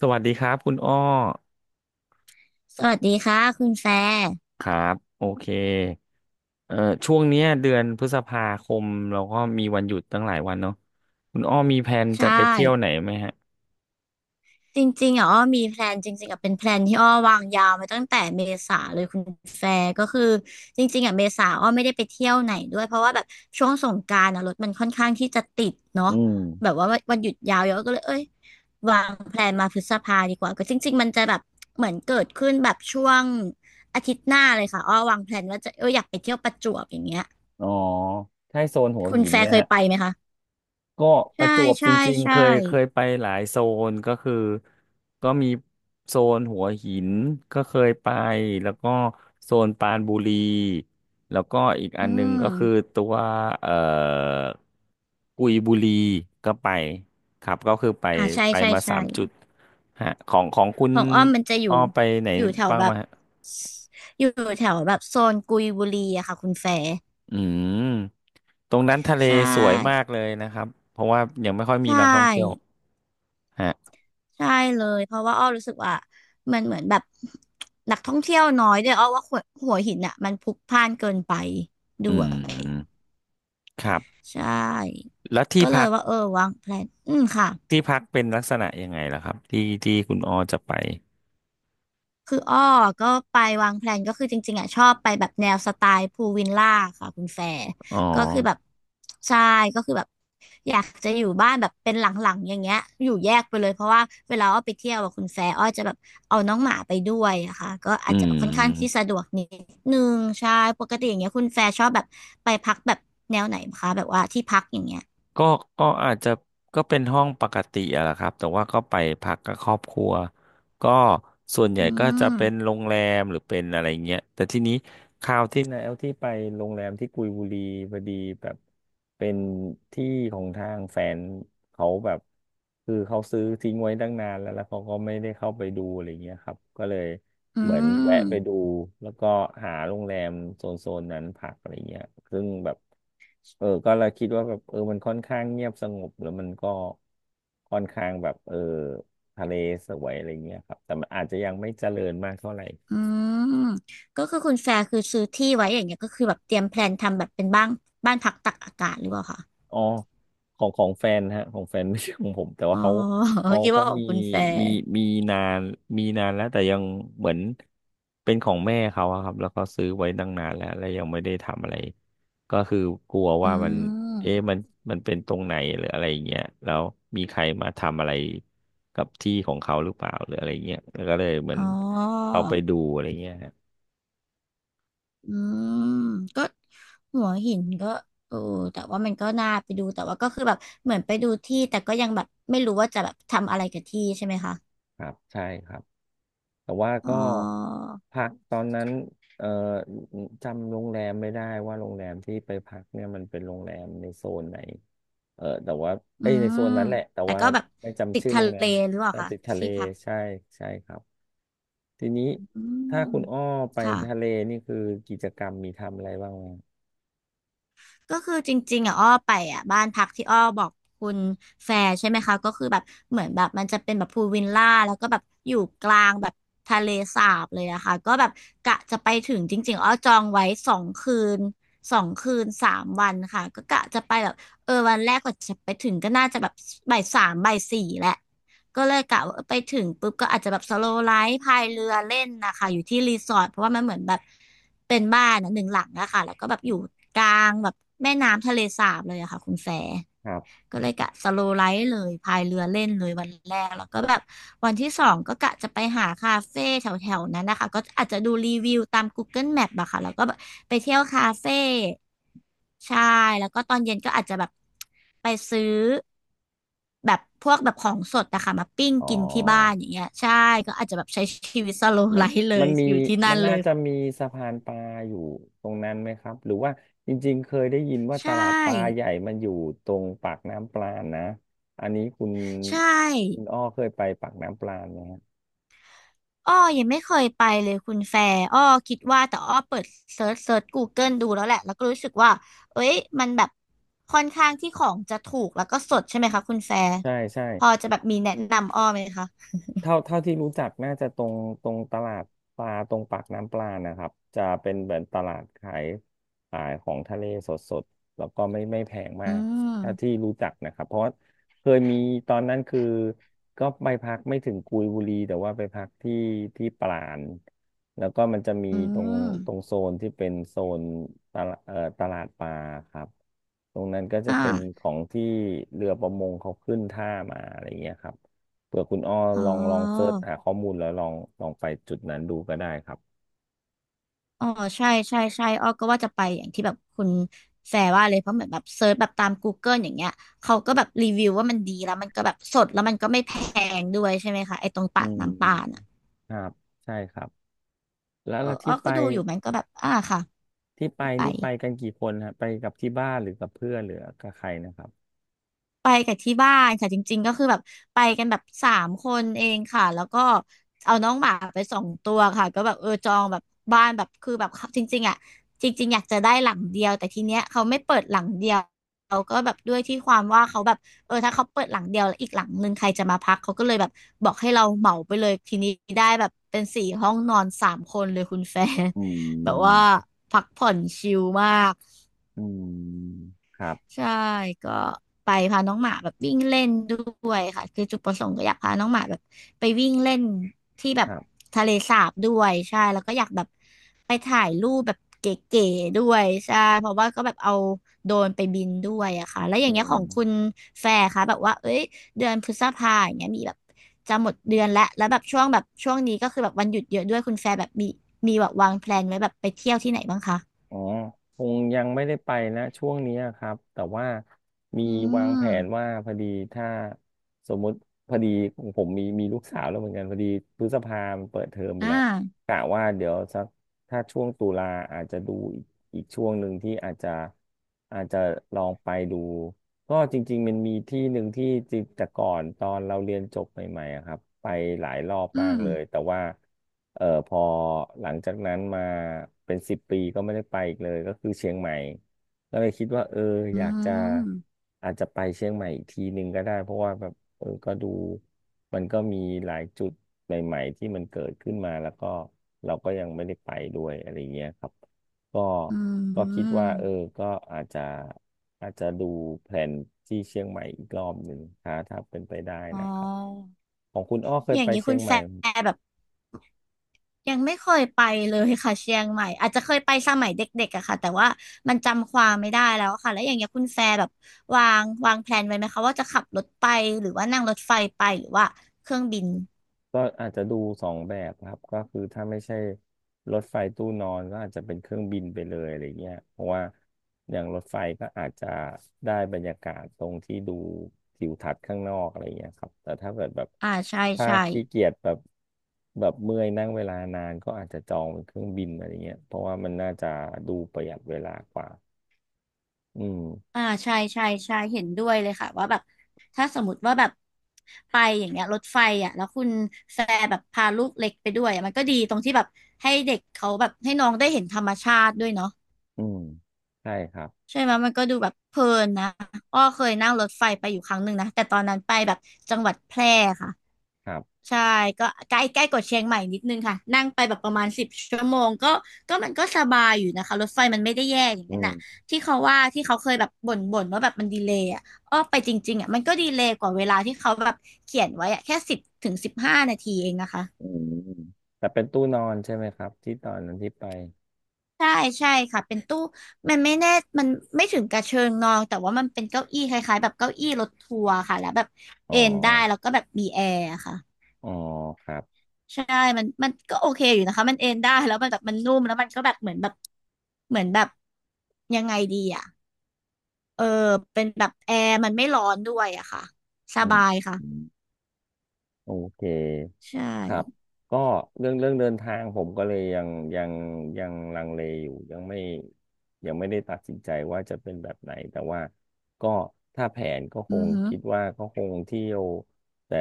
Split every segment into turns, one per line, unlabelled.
สวัสดีครับคุณอ้อ
สวัสดีค่ะคุณแฟร์
ครับโอเคเอ่อช่วงเนี้ยเดือนพฤษภาคมเราก็มีวันหยุดตั้งหลายวันเนาะคุณอ้อมีแผนจะ
ใช่
ไปเที่ยวไหนไหมฮะ
จริงๆอ่ะอ้อมีแพลนจริงๆอ่ะเป็นแพลนที่อ้อวางยาวมาตั้งแต่เมษาเลยคุณแฟร์ก็คือจริงๆอ่ะเมษาอ้อไม่ได้ไปเที่ยวไหนด้วยเพราะว่าแบบช่วงสงกรานต์อ่ะรถมันค่อนข้างที่จะติด
อื
เนาะ
ม
แบบว่าวันหยุดยาวเยอะก็เลยเอ้ยวางแพลนมาพฤษภาดีกว่าก็จริงๆมันจะแบบเหมือนเกิดขึ้นแบบช่วงอาทิตย์หน้าเลยค่ะอ้อวางแพลนว่าจะอยากไปเที่ยวประจวบอย่างเงี้ย
อ๋อใช่โซนหัว
คุณ
หิน
แฟ
ไหม
ร์เคย
ฮะ
ไปไหมคะ
ก็ป
ใช่
ระจวบจ
ใช่
ริงๆเค
ใช่
ยเคยไปหลายโซนก็คือก็มีโซนหัวหินก็เคยไปแล้วก็โซนปรานบุรีแล้วก็อีกอั
อื
นหนึงก็คือ
ม
ตัวเอ่อกุยบุรีก็ไปครับก็คือไป
อ่าใช่
ไป
ใช่
มา
ใช่
สามจุดฮะของคุณ
ของอ้อมมันจะอ
อ้อ
ยู่
ไปไหน
อยู่แถว
บ้าง
แบ
มา
บ
ฮะ
อยู่แถวแบบโซนกุยบุรีอะค่ะคุณแฟร์
อืมตรงนั้นทะเล
ใช
สวยมา
่
กเลยนะครับเพราะว่ายังไม่ค่อย
ใช
มีนักท่องเที่ยว
่
ฮะ
ใช่เลยเพราะว่าอ้อรู้สึกว่ามันเหมือนแบบนักท่องเที่ยวน้อยด้วยอ้อว่าหัวหินอะมันพลุกพล่านเกินไปด้
อื
วย
มครับ
ใช่
แล้วที่
ก็เล
พั
ย
ก
ว่าเออวางแผนอืมค่ะ
ที่พักเป็นลักษณะยังไงล่ะครับที่คุณออจะไป
คืออ้อก็ไปวางแพลนก็คือจริงๆอ่ะชอบไปแบบแนวสไตล์พูลวิลล่าค่ะคุณแฟร์
อ๋อ
ก็คือแบบใช่ก็คือแบบอยากจะอยู่บ้านแบบเป็นหลังๆอย่างเงี้ยอยู่แยกไปเลยเพราะว่าเวลาอ้อไปเที่ยวอะคุณแฟร์อ้อจะแบบเอาน้องหมาไปด้วยอะค่ะก็
อื
อาจจะแบบค่อนข้างที่
ม
สะดวกนิดนึงใช่ปกติอย่างเงี้ยคุณแฟร์ชอบแบบไปพักแบบแนวไหนคะแบบว่าที่พักอย่างเงี้ย
ก็ก็อาจจะก็เป็นห้องปกติอะแหละครับแต่ว่าก็ไปพักกับครอบครัวก็ส่วนใหญ่
อื
ก็จะ
ม
เป็นโรงแรมหรือเป็นอะไรเงี้ยแต่ทีนี้ ทิตย์นะเอลที่ไปโรงแรมที่กุยบุรีพอดีแบบเป็นที่ของทางแฟนเขาแบบคือเขาซื้อทิ้งไว้ตั้งนานแล้วแล้วเขาก็ไม่ได้เข้าไปดูอะไรเงี้ยครับก็เลย
อื
เหมือนแวะ
ม
ไปดูแล้วก็หาโรงแรมโซนนั้นพักอะไรเงี้ยซึ่งแบบเออก็เราคิดว่าแบบเออมันค่อนข้างเงียบสงบแล้วมันก็ค่อนข้างแบบเออทะเลสวยอะไรเงี้ยครับแต่มันอาจจะยังไม่เจริญมากเท่าไหร่
อืมก็คือคุณแฟร์คือซื้อที่ไว้อย่างเงี้ยก็คือแบบเตรียมแพลนทำแบบเป็นบ้านพักตักอากาศหรือเปล่าคะ
อ๋อของแฟนฮะของแฟน ไม่ใช่ของผมแต่ว่า
อ๋อ
เขา
คิด
เขา
ว่าของ
มี
คุณแฟร์
มีมีนานมีนานแล้วแต่ยังเหมือนเป็นของแม่เขาอะครับแล้วก็ซื้อไว้ตั้งนานแล้วแล้วยังไม่ได้ทำอะไรก็คือกลัว
อื
ว่ามันเอ๊ะ
ม
มันเป็นตรงไหนหรืออะไรเงี้ยแล้วมีใครมาทำอะไรกับที่ของเขาหรือเปล่าหรืออะไรเงี้ยแล้วก็เลยเหมือน
อ๋อ
เอาไปดูอะไรเงี้ยฮะ
อืมก็หัวหินก็เออแต่ว่ามันก็น่าไปดูแต่ว่าก็คือแบบเหมือนไปดูที่แต่ก็ยังแบบไม่รู้ว่าจะแบบทำอะไรกับที่ใช่ไหมคะ
ครับใช่ครับ แต่ว่า
อ๋อ
ก็พักตอนนั้นเอ่อจำโรงแรมไม่ได้ว่าโรงแรมที่ไปพักเนี่ยมันเป็นโรงแรมในโซนไหนเออแต่ว่า
อื
เอ้ยในโซ
ม
นนั้นแหละแต่
แต่
ว่า
ก็แบบ
ไม่
ติ
จำ
ด
ชื่อ
ทะ
โรงแร
เล
ม
หรือเปล่า
แต่
คะ
ติดทะเล
ที่พัก
ใช่ใช่ครับทีนี้
อืม
ถ้าคุณอ้อไป
ค่ะ
ทะเลนี่คือกิจกรรมมีทำอะไรบ้างไหม
ก็คือจริงๆอ่ะอ้อไปอ่ะบ้านพักที่อ้อบอกคุณแฟร์ใช่ไหมคะก็คือแบบเหมือนแบบมันจะเป็นแบบพูลวิลล่าแล้วก็แบบอยู่กลางแบบทะเลสาบเลยนะคะก็แบบกะจะไปถึงจริงๆอ้อจองไว้สองคืน2 คืน 3 วันค่ะก็กะจะไปแบบเออวันแรกก็จะไปถึงก็น่าจะแบบบ่าย 3 บ่าย 4แหละ ก็เลยกะว่าไปถึงปุ๊บก็อาจจะแบบสโลว์ไลฟ์พายเรือเล่นนะคะอยู่ที่รีสอร์ทเพราะว่ามันเหมือนแบบเป็นบ้านอะ1 หลังนะคะแล้วก็แบบอยู่กลางแบบแม่น้ำทะเลสาบเลยอะค่ะคุณแฟร์
ครับ
ก็เลยกะสโลว์ไลฟ์เลยพายเรือเล่นเลยวันแรกแล้วก็แบบวันที่ 2ก็กะจะไปหาคาเฟ่แถวๆนั้นนะคะก็อาจจะดูรีวิวตาม Google Map อะค่ะแล้วก็แบบไปเที่ยวคาเฟ่ใช่แล้วก็ตอนเย็นก็อาจจะแบบไปซื้อแบบพวกแบบของสดอะค่ะมาปิ้ง
อ๋อ
กินที่บ้านอย่างเงี้ยใช่ก็อาจจะแบบใช้ชีวิตสโลว์
มั
ไล
น
ฟ์เล
มั
ย
นมี
อยู่ที่นั่
มั
น
น
เล
น่า
ย
จะมีสะพานปลาอยู่ตรงนั้นไหมครับหรือว่าจริงๆเคยได้ยินว่าต
ใช่
ลาดปลาใหญ่มันอยู่ตรงปากน้ำปลาณนะอันนี้คุณ
ใช่
คุณอ้อเคยไปปากน้ำปลาณไหมฮะ
อ้อยังไม่เคยไปเลยคุณแฟร์อ้อคิดว่าแต่อ้อเปิดเซิร์ช Google ดูแล้วแหละแล้วก็รู้สึกว่าเอ้ยมันแบบค่อนข้างที่ของจะถูกแล้วก็สดใช่ไหมคะคุณแฟร์
ใช่ใช่
พอจะแบบมีแนะนำอ้อไหมคะ
เท่าที่รู้จักน่าจะตรงตรงตลาดปลาตรงปากน้ำปลานะครับจะเป็นเหมือนตลาดขายขายของทะเลสดๆแล้วก็ไม่แพง
อื
มาก
ม
เท่าที่รู้จักนะครับเพราะว่าเคยมีตอนนั้นคือก็ไปพักไม่ถึงกุยบุรีแต่ว่าไปพักที่ปราณแล้วก็มันจะมี
อื
ตรงตรง
ม
โซนที่เป็นโซนตลาดตลาดปลาครับตรงนั้นก็จะ
อ่า
เป็นของที่เรือประมงเขาขึ้นท่ามาอะไรอย่างเงี้ยครับ เผื่อคุณอ้อ
อ๋อ
ลองเสิร์ชหาข้อมูลแล้วลองลองไปจุดนั้นดูก็ได้ครับ
อ๋อใช่ใช่ใช่อ้อก็ว่าจะไปอย่างที่แบบคุณแฟร์ว่าเลยเพราะเหมือนแบบเซิร์ชแบบตาม Google อย่างเงี้ยเขาก็แบบรีวิวว่ามันดีแล้วมันก็แบบสดแล้วมันก็ไม่แพงด้วยใช่ไหมคะไอ้ตรง
อื
ปากน้ำปาน่ะ
มครับใช่ครับแล้ว
เออ
แล้ว
อ้
ที่
อ
ไป
ก็ดูอยู่มันก็แบบ อ่าค่ะ
ที่ไป
ที่ไป
นี่ไปกันกี่คนฮะไปกับที่บ้านหรือกับเพื่อนหรือกับใครนะครับ
ไปกับที่บ้านค่ะจริงๆก็คือแบบไปกันแบบสามคนเองค่ะแล้วก็เอาน้องหมาไป2 ตัวค่ะก็แบบเออจองแบบบ้านแบบคือแบบจริงๆอ่ะจริงๆอยากจะได้หลังเดียวแต่ทีเนี้ยเขาไม่เปิดหลังเดียวเขาก็แบบด้วยที่ความว่าเขาแบบเออถ้าเขาเปิดหลังเดียวแล้วอีกหลังหนึ่งใครจะมาพักเขาก็เลยแบบบอกให้เราเหมาไปเลยทีนี้ได้แบบเป็น4 ห้องนอน 3 คนเลยคุณแฟน
อื
แบบ
ม
ว่าพักผ่อนชิลมาก
อืมครับ
ใช่ก็ไปพาน้องหมาแบบวิ่งเล่นด้วยค่ะคือจุดประสงค์ก็อยากพาน้องหมาแบบไปวิ่งเล่นที่แบ
ค
บ
รับ
ทะเลสาบด้วยใช่แล้วก็อยากแบบไปถ่ายรูปแบบเก๋ๆด้วยใช่เพราะว่าก็แบบเอาโดรนไปบินด้วยอะค่ะแล้วอย่า
อื
งเงี้ยขอ
ม
งคุณแฟร์คะแบบว่าเอ้ยเดือนพฤษภาอย่างเงี้ยมีแบบจะหมดเดือนแล้วแล้วแบบช่วงแบบช่วงนี้ก็คือแบบวันหยุดเยอะด้วยคุณแฟร์แบบมีแบบวางแพลนไว้แบบไปเที่ยวที่ไหนบ้างคะ
อ๋อคงยังไม่ได้ไปนะช่วงนี้อะครับแต่ว่ามี
อื
วางแผ
ม
นว่าพอดีถ้าสมมุติพอดีของผมมีลูกสาวแล้วเหมือนกันพอดีพฤษภามันเปิดเทอมไป
อ่า
แล้วกะว่าเดี๋ยวสักถ้าช่วงตุลาอาจจะดูอีกอีกช่วงหนึ่งที่อาจจะอาจจะลองไปดูก็จริงๆมันมีที่หนึ่งที่จริงแต่ก่อนตอนเราเรียนจบใหม่ๆอะครับไปหลายรอบ
อื
มาก
ม
เลยแต่ว่า เออพอหลังจากนั้นมาเป็นสิบปีก็ไม่ได้ไปอีกเลยก็คือเชียงใหม่ก็เลยคิดว่าเออ
อื
อยากจะ
ม
อาจจะไปเชียงใหม่อีกทีหนึ่งก็ได้เพราะว่าแบบเออก็ดูมันก็มีหลายจุดใหม่ๆที่มันเกิดขึ้นมาแล้วก็เราก็ยังไม่ได้ไปด้วยอะไรเงี้ยครับก็
อื
ก็คิดว่าเออ
ม
ก็อาจจะอาจจะดูแผนที่เชียงใหม่อีกรอบหนึ่งถ้าถ้าเป็นไปได้
อ๋อ
นะครับของคุณอ้อเค
อ
ย
ย่า
ไป
งนี้
เชี
คุ
ย
ณ
งให
แฟ
ม่
ร์แบบยังไม่เคยไปเลยค่ะเชียงใหม่อาจจะเคยไปสมัยเด็กๆอะค่ะแต่ว่ามันจำความไม่ได้แล้วค่ะแล้วอย่างเงี้ยคุณแฟร์แบบวางแพลนไว้ไหมคะว่าจะขับรถไปหรือว่านั่งรถไฟไปหรือว่าเครื่องบิน
ก็อาจจะดูสองแบบครับก็คือถ้าไม่ใช่รถไฟตู้นอนก็อาจจะเป็นเครื่องบินไปเลยอะไรเงี้ยเพราะว่าอย่างรถไฟก็อาจจะได้บรรยากาศตรงที่ดูทิวทัศน์ข้างนอกอะไรเงี้ยครับแต่ถ้าเกิดแบบ
อ่าใช่
ถ้า
ใช่
ขี้เกียจแบบแบบเมื่อยนั่งเวลานานก็อาจจะจองเป็นเครื่องบินอะไรเงี้ยเพราะว่ามันน่าจะดูประหยัดเวลากว่าอืม
อ่าใช่ใช่ใช่เห็นด้วยเลยค่ะว่าแบบถ้าสมมติว่าแบบไปอย่างเงี้ยรถไฟอ่ะแล้วคุณแฟร์แบบพาลูกเล็กไปด้วยอะมันก็ดีตรงที่แบบให้เด็กเขาแบบให้น้องได้เห็นธรรมชาติด้วยเนาะ
อืมใช่ครับ
ใช่ไหมมันก็ดูแบบเพลินนะอ้อเคยนั่งรถไฟไปอยู่ครั้งหนึ่งนะแต่ตอนนั้นไปแบบจังหวัดแพร่ค่ะ
ครับ
ใช่ก็ใกล้ใกล้กว่าเชียงใหม่นิดนึงค่ะนั่งไปแบบประมาณ10 ชั่วโมงก็ก็มันก็สบายอยู่นะคะรถไฟมันไม่ได้แย่อย่าง
อื
นั้นอ่ะ
ม
ที่เขาว่าที่เขาเคยแบบบ่นว่าแบบมันดีเลย์อ่ะอ้อไปจริงๆอ่ะมันก็ดีเลย์กว่าเวลาที่เขาแบบเขียนไว้อ่ะแค่10 ถึง 15 นาทีเองนะคะ
อืมอืมแต่เป็นตู้นอนใช่ไหมครับที่ตอนนั้นที่ไป
ใช่ใช่ค่ะเป็นตู้มันไม่แน่มันไม่ถึงกระเชิงนอนแต่ว่ามันเป็นเก้าอี้คล้ายๆแบบเก้าอี้รถทัวร์ค่ะแล้วแบบ
อ๋
เอ
อ
นได้แล้วก็แบบมีแอร์ค่ะ
อ๋อครับ
ใช่มันก็โอเคอยู่นะคะมันเอนได้แล้วมันแบบมันนุ่มแล้วมันก็แบบเหมือนแบบเหมือนแบบยังไงดีอ่ะเออเป็นแบบแอร์มันไม่ร้อนด้วยอะค่ะส
อืม
บายค่ะ
อืมโอเค
ใช่
ครับก็เรื่องเดินทางผมก็เลยยังยังลังเลอยู่ยังไม่ได้ตัดสินใจว่าจะเป็นแบบไหนแต่ว่าก็ถ้าแผนก็ค
อือ
ง
หือ
คิดว่าก็คงเที่ยวแต่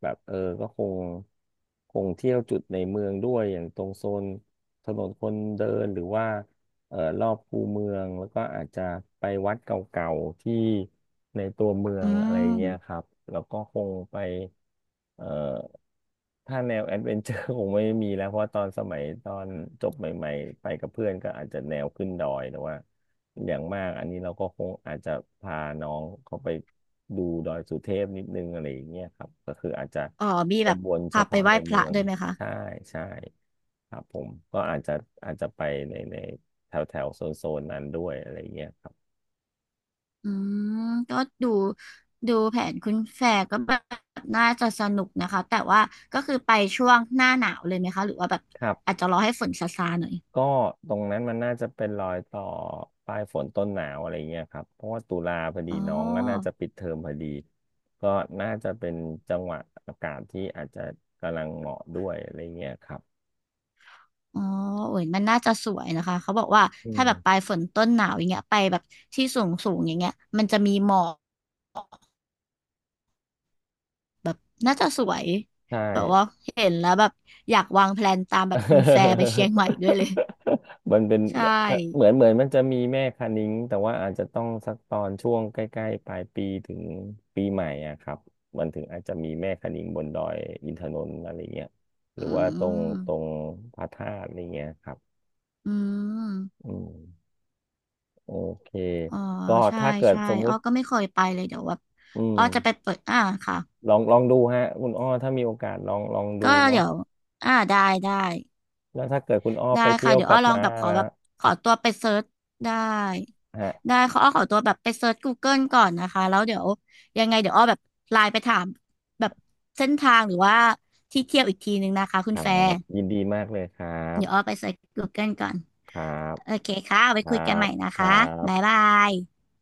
แบบเออก็คงเที่ยวจุดในเมืองด้วยอย่างตรงโซนถนนคนเดินหรือว่า รอบคูเมืองแล้วก็อาจจะไปวัดเก่าๆที่ในตัวเมือ
อื
งอะไรเงี้ยค
ม
รับแล้วก็คงไปเอ่อถ้าแนวแอดเวนเจอร์ คงไม่มีแล้วเพราะตอนสมัยตอนจบใหม่ๆไปกับเพื่อนก็อาจจะแนวขึ้นดอยแต่ว่าอย่างมากอันนี้เราก็คงอาจจะพาน้องเขาไปดูดอยสุเทพนิดนึงอะไรอย่างเงี้ยครับก็คืออาจจะ
อ๋อมีแบบ
วนๆเฉ
พาไป
พาะ
ไหว้
ใน
พ
เมื
ระ
อง
ด้วยไหมคะ
ใช่ใช่ครับผมก็อาจจะไปใน แถวแถวโซนโซนนั้นด้วยอะไรเงี้ยครับ
อืมก็ดูดูแผนคุณแฟร์ก็แบบน่าจะสนุกนะคะแต่ว่าก็คือไปช่วงหน้าหนาวเลยไหมคะหรือว่าแบบ
ครั
อา
บ
จจะรอให้ฝนซาซาหน่อย
ก็ตรงนั้นมันน่าจะเป็นรอยต่อปลายฝนต้นหนาวอะไรเงี้ยครับเพราะว่าตุลาพอดี
อ๋อ
น้องก็น่าจะปิดเทอมพอดีก็น่าจะเป็นจังหวะอากาศที่อาจจะกำลังเหมาะด้วยอะไรเงี้ยครับ
อ๋อโอ้ยมันน่าจะสวยนะคะเขาบอกว่า
อื
ถ้าแบบป
ม
ลายฝนต้นหนาวอย่างเงี้ยไปแบบที่สูงสูงอย่างเงี้ยมันจะมีหมอกน่าจะสวย
ใช่
แบบว่าเห็นแล้วแบบอยากวางแพลนตามแบบคุณแฟร์ไปเชียง ใหม่ด้วยเลย
มันเป็น
ใช
แบบถ้าเหมื
่
อนเหมือนมันจะมีแม่คะนิ้งแต่ว่าอาจจะต้องสักตอนช่วงใกล้ๆปลายปีถึงปีใหม่อะครับมันถึงอาจจะมีแม่คะนิ้งบนดอยอินทนนท์อะไรเงี้ยหรือ
อื
ว่าตรง
ม
พระธาตุอะไรเงี้ยครับ
อืม
อืมโอเค
อ๋อ
ก็
ใช่
ถ้าเกิด
ใช่
สมมุ
อ้อ
ติ
ก็ไม่เคยไปเลยเดี๋ยวว่า
อืม
อ้อจะไปเปิดอ่าค่ะ
ลองดูฮะคุณอ้อถ้ามีโอกาสลองดู
ก็
เนาะ
เดี๋ยวอ่าได้ได้
แล้วถ้าเกิดคุณอ้อ
ได้
ไปเที่
ค่ะ
ยว
เดี๋ยว
กลั
อ้อ
บ
ลอง
มา
แบบขอ
แล้ว
แบบขอตัวไปเซิร์ชได้
ฮะ
ได้ขออ้อขอตัวแบบไปเซิร์ชก o เกิลก่อนนะคะแล้วเดี๋ยวยังไงเดี๋ยวอ้อแบบไลน์ไปถามแบบเส้นทางหรือว่าที่เที่ยวอีกทีนึงนะคะคุ
ค
ณ
รั
แฟร์
บยินดีมากเลยครั
เดี๋ยวอ้อ
บ
ไปเซิร์ชกูเกิลก่อน
ครับ
โอเคค่ะไว้
ค
คุ
รั
ยกันให
บ
ม่นะ
ครั
คะบ๊าย
บ
บาย